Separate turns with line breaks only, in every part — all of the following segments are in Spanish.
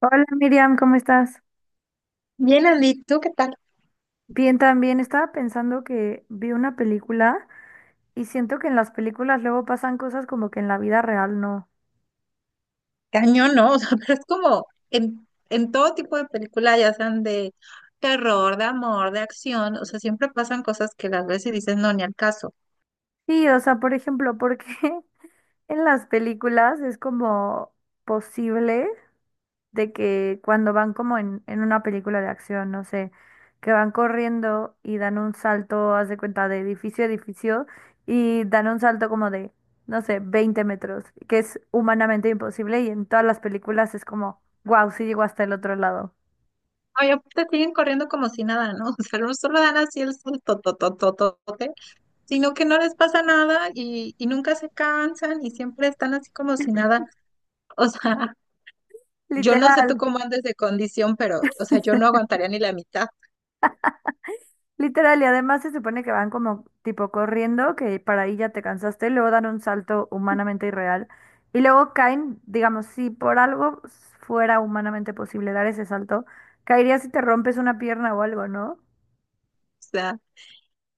Hola Miriam, ¿cómo estás?
Bien, Andy, ¿tú qué tal?
Bien, también estaba pensando que vi una película y siento que en las películas luego pasan cosas como que en la vida real no.
Cañón, ¿no? O sea, pero es como en todo tipo de película, ya sean de terror, de amor, de acción, o sea, siempre pasan cosas que las ves y dices, no, ni al caso.
Sí, o sea, por ejemplo, ¿por qué en las películas es como posible? De que cuando van como en una película de acción, no sé, que van corriendo y dan un salto, haz de cuenta, de edificio a edificio y dan un salto como de, no sé, 20 metros, que es humanamente imposible y en todas las películas es como, wow, sí llegó hasta el otro lado.
Oye, te siguen corriendo como si nada, ¿no? O sea, no solo dan así el salto, sino que no les pasa nada y nunca se cansan y siempre están así como si nada. O sea, yo no sé tú
Literal.
cómo andes de condición, pero, o sea, yo no aguantaría ni la mitad.
Literal, y además se supone que van como tipo corriendo, que para ahí ya te cansaste, luego dan un salto humanamente irreal y luego caen, digamos, si por algo fuera humanamente posible dar ese salto, caerías si te rompes una pierna o algo, ¿no?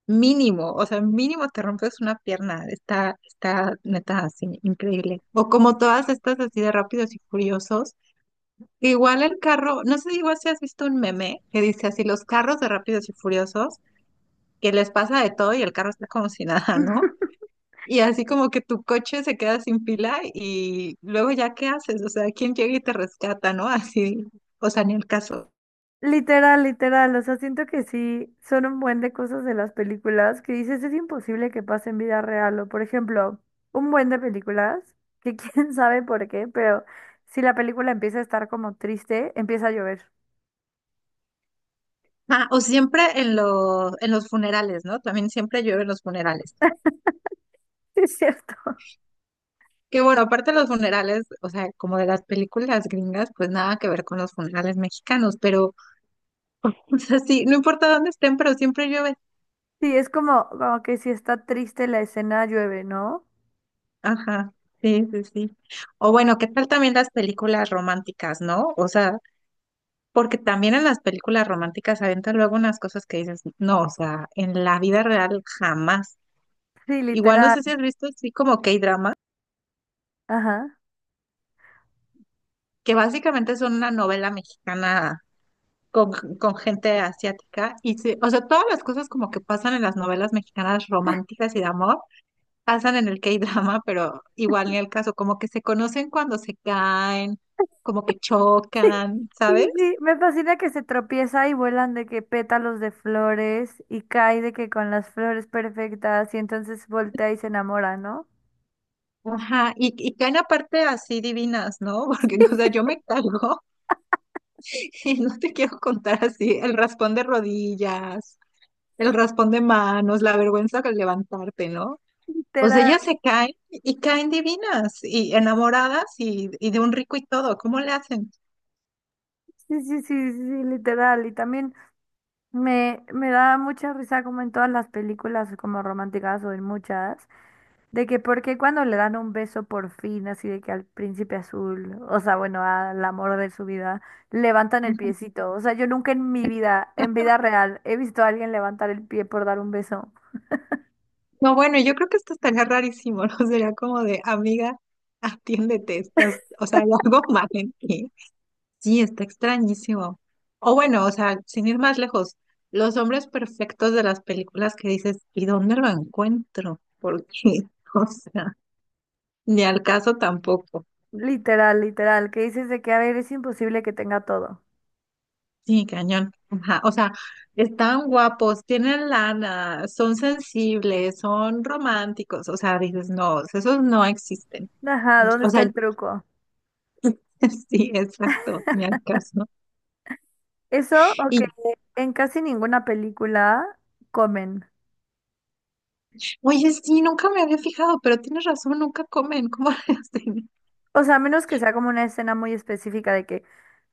Mínimo, o sea, mínimo te rompes una pierna. Está neta así, increíble. O como todas estas así de rápidos y furiosos. Igual el carro, no sé, igual si has visto un meme que dice así, los carros de rápidos y furiosos, que les pasa de todo y el carro está como si nada, ¿no? Y así como que tu coche se queda sin pila y luego ya qué haces, o sea, ¿quién llega y te rescata, ¿no? Así, o sea, ni el caso.
Literal, literal, o sea, siento que sí, son un buen de cosas de las películas que dices es imposible que pase en vida real, o por ejemplo, un buen de películas, que quién sabe por qué, pero si la película empieza a estar como triste, empieza a llover.
Ah, o siempre en los funerales, ¿no? También siempre llueve en los funerales.
Sí, es cierto.
Que bueno, aparte los funerales, o sea, como de las películas gringas, pues nada que ver con los funerales mexicanos, pero, o sea, sí, no importa dónde estén, pero siempre llueve.
Sí, es como, como que si está triste la escena llueve, ¿no?
Ajá, sí, sí, sí. O bueno, ¿qué tal también las películas románticas, no? O sea, porque también en las películas románticas aventan luego unas cosas que dices, no, o sea, en la vida real jamás.
Sí,
Igual no
literal.
sé si has visto así como K-drama,
Ajá.
que básicamente son una novela mexicana con, con gente asiática y se, o sea, todas las cosas como que pasan en las novelas mexicanas románticas y de amor, pasan en el K-drama, pero igual ni el caso, como que se conocen cuando se caen, como que
Sí,
chocan,
sí,
¿sabes?
sí, sí. Me fascina que se tropieza y vuelan de que pétalos de flores y cae de que con las flores perfectas y entonces voltea y se enamora, ¿no?
Ajá, y caen aparte así divinas, ¿no? Porque, o sea, yo me cargo y no te quiero contar así el raspón de rodillas, el raspón de manos, la vergüenza al levantarte, ¿no? O sea, ellas
Literal.
se caen y caen divinas y enamoradas y de un rico y todo. ¿Cómo le hacen?
Sí, sí, sí, sí, sí, literal. Y también, me da mucha risa como en todas las películas como románticas o en muchas, de que porque cuando le dan un beso por fin, así de que al príncipe azul, o sea, bueno, al amor de su vida, levantan el
Ujú.
piecito. O sea, yo nunca en mi vida, en vida real, he visto a alguien levantar el pie por dar un beso.
No, bueno, yo creo que esto estaría rarísimo, ¿no? Sería como de, amiga, atiéndete, estás, o sea, hay algo mal en ti. Sí, está extrañísimo. O bueno, o sea, sin ir más lejos, los hombres perfectos de las películas que dices, ¿y dónde lo encuentro? Porque, o sea, ni al caso tampoco.
Literal, literal, que dices de que, a ver, es imposible que tenga todo.
Sí, cañón. Ajá, o sea, están guapos, tienen lana, son sensibles, son románticos. O sea, dices, no, esos no existen.
Ajá, ¿dónde
O
está
sea,
el truco?
sí, exacto, ni al caso.
Eso, o que
Y,
en casi ninguna película comen.
oye, sí, nunca me había fijado, pero tienes razón, nunca comen. ¿Cómo le hacen?
O sea, a menos que sea como una escena muy específica de que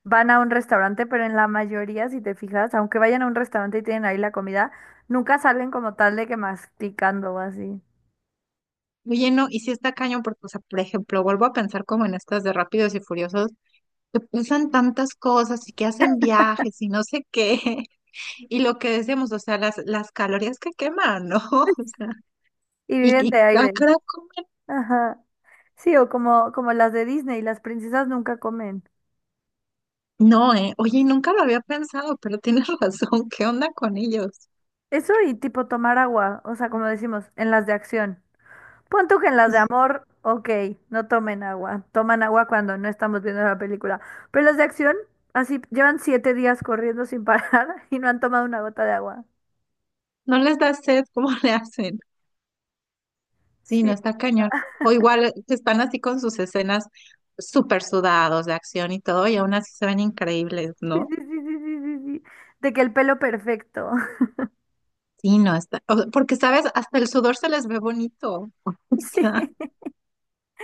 van a un restaurante, pero en la mayoría, si te fijas, aunque vayan a un restaurante y tienen ahí la comida, nunca salen como tal de que masticando o así.
Oye, no, y si está cañón, porque, o sea, por ejemplo, vuelvo a pensar como en estas de Rápidos y Furiosos, que usan tantas cosas y que hacen viajes y no sé qué. Y lo que decíamos, o sea, las calorías que queman, ¿no? O sea,
Y
Y,
viven de
y ah,
aire.
caray, comen.
Ajá. Sí, o como, como las de Disney, las princesas nunca comen.
No, eh. Oye, nunca lo había pensado, pero tienes razón. ¿Qué onda con ellos?
Eso y tipo tomar agua, o sea, como decimos, en las de acción. Pon tú que en las de amor, ok, no tomen agua. Toman agua cuando no estamos viendo la película. Pero las de acción, así llevan 7 días corriendo sin parar y no han tomado una gota de agua.
¿No les da sed? ¿Cómo le hacen? Sí,
Sí,
no está cañón. O igual que están así con sus escenas súper sudados de acción y todo, y aún así se ven increíbles,
sí,
¿no?
sí, sí, sí, sí, sí, sí. De que el pelo perfecto.
Sí, no está. O sea, porque, ¿sabes? Hasta el sudor se les ve bonito. O
Sí.
sea,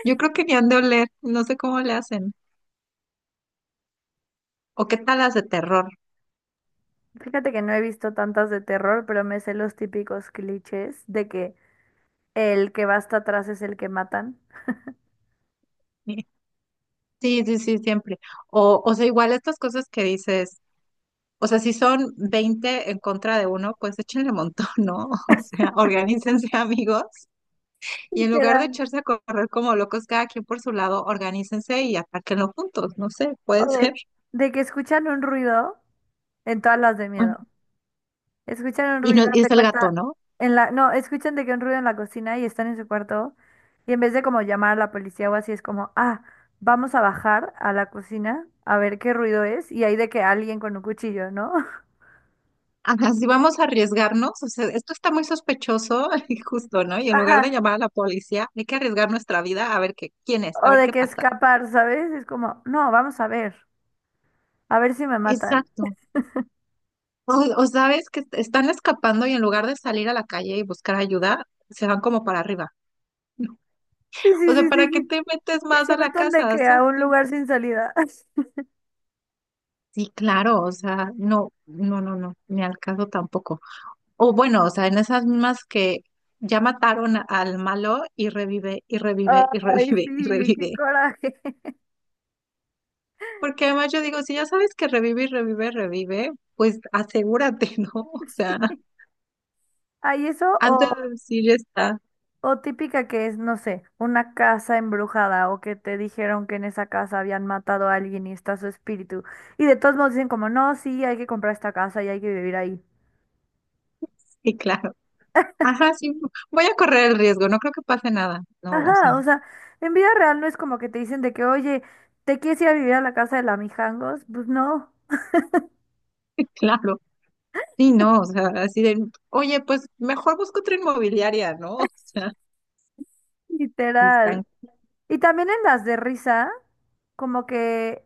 yo creo que ni han de oler. No sé cómo le hacen. O qué tal las de terror.
Fíjate que no he visto tantas de terror, pero me sé los típicos clichés de que el que va hasta atrás es el que matan.
Sí, sí, sí, siempre. O sea, igual estas cosas que dices. O sea, si son 20 en contra de uno, pues échenle montón, ¿no? O sea, organícense amigos y en lugar de
Literal.
echarse a correr como locos cada quien por su lado, organícense y atáquenlo juntos, no sé,
O
puede ser.
de, de que escuchan un ruido en todas las de
Ah,
miedo. Escuchan un
y,
ruido,
no,
haz
y
de
es el gato,
cuenta,
¿no?
no, escuchan de que un ruido en la cocina y están en su cuarto y en vez de como llamar a la policía o así es como, ah, vamos a bajar a la cocina a ver qué ruido es y hay de que alguien con un cuchillo, ¿no?
Ajá, si vamos a arriesgarnos, o sea, esto está muy sospechoso y justo, ¿no? Y en lugar de
Ajá,
llamar a la policía, hay que arriesgar nuestra vida a ver qué, quién es,
o
a ver
de
qué
que
pasa.
escapar, ¿sabes? Es como, no, vamos a ver si me matan.
Exacto. O, o sabes que están escapando y en lugar de salir a la calle y buscar ayuda, se van como para arriba.
Sí,
O
sí,
sea,
sí,
¿para
sí,
qué
sí.
te metes
Y
más
se
a la
meten de
casa?
que a un
Salte.
lugar sin salida.
Sí, claro, o sea, no, no, no, no, ni al caso tampoco. O bueno, o sea, en esas mismas que ya mataron al malo y revive, y revive, y
Ay,
revive, y
sí, qué
revive.
coraje.
Porque además yo digo, si ya sabes que revive y revive, revive, pues asegúrate, ¿no? O sea,
Ay, eso
antes
o
de decir ya está.
O típica que es, no sé, una casa embrujada o que te dijeron que en esa casa habían matado a alguien y está su espíritu. Y de todos modos dicen como, no, sí, hay que comprar esta casa y hay que vivir ahí.
Sí, claro. Ajá, sí, voy a correr el riesgo, no creo que pase nada. No, o sea,
Ajá, o sea, en vida real no es como que te dicen de que, oye, ¿te quieres ir a vivir a la casa de la Mijangos? Pues no,
claro. Sí, no, o sea, así de, oye, pues mejor busco otra inmobiliaria, ¿no? O sea, sí están.
literal. Y también en las de risa, como que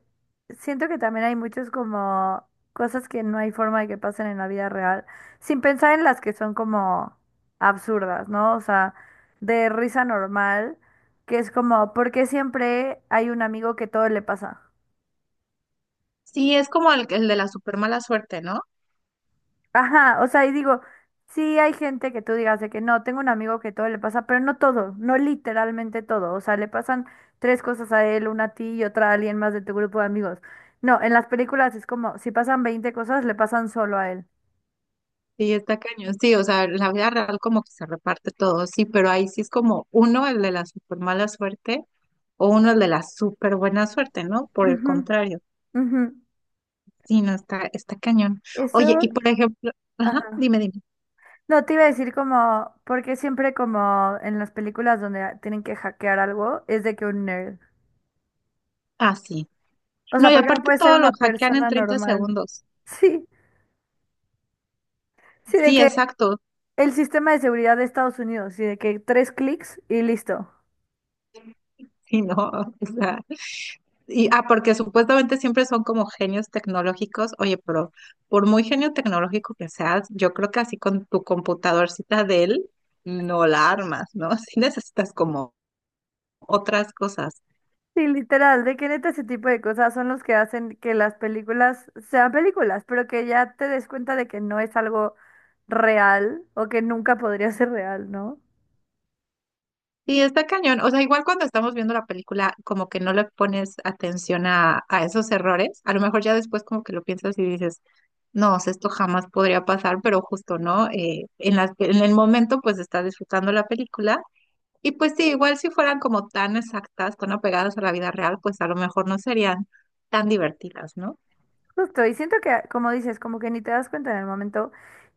siento que también hay muchos como cosas que no hay forma de que pasen en la vida real, sin pensar en las que son como absurdas, ¿no? O sea, de risa normal, que es como, ¿por qué siempre hay un amigo que todo le pasa?
Sí, es como el de la super mala suerte, ¿no?
Ajá, o sea, y digo, sí hay gente que tú digas de que no, tengo un amigo que todo le pasa, pero no todo, no literalmente todo, o sea, le pasan tres cosas a él, una a ti y otra a alguien más de tu grupo de amigos. No, en las películas es como, si pasan 20 cosas, le pasan solo a él.
Sí, está cañón. Sí, o sea, la vida real como que se reparte todo, sí, pero ahí sí es como uno el de la super mala suerte o uno el de la super buena suerte, ¿no? Por el
Ujú,
contrario,
ujú.
sí, no, está, está cañón. Oye,
Eso,
y por ejemplo, ajá,
ajá.
dime, dime.
No, te iba a decir como, porque siempre como en las películas donde tienen que hackear algo, es de que un nerd.
Ah, sí.
O
No,
sea,
y
porque no
aparte
puede ser
todo lo
una
hackean en
persona
30
normal.
segundos.
Sí. Sí, de
Sí,
que
exacto.
el sistema de seguridad de Estados Unidos, y de que tres clics y listo.
Sí, no, o sea. Y, ah, porque supuestamente siempre son como genios tecnológicos. Oye, pero por muy genio tecnológico que seas, yo creo que así con tu computadorcita de él, no la armas, ¿no? Sí necesitas como otras cosas.
Sí, literal, de que neta ese tipo de cosas son los que hacen que las películas sean películas, pero que ya te des cuenta de que no es algo real o que nunca podría ser real, ¿no?
Y está cañón. O sea, igual cuando estamos viendo la película, como que no le pones atención a esos errores. A lo mejor ya después como que lo piensas y dices, no, o sea, esto jamás podría pasar, pero justo, ¿no? En el momento pues estás disfrutando la película. Y pues sí, igual si fueran como tan exactas, tan apegadas a la vida real, pues a lo mejor no serían tan divertidas, ¿no?
Justo, y siento que, como dices, como que ni te das cuenta en el momento.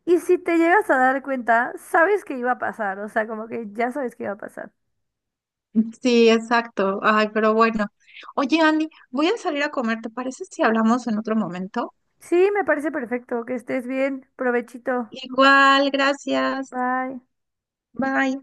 Y si te llegas a dar cuenta, sabes que iba a pasar, o sea, como que ya sabes que iba a pasar.
Sí, exacto. Ay, pero bueno. Oye, Andy, voy a salir a comer. ¿Te parece si hablamos en otro momento?
Sí, me parece perfecto, que estés bien, provechito,
Igual, gracias.
bye.
Bye.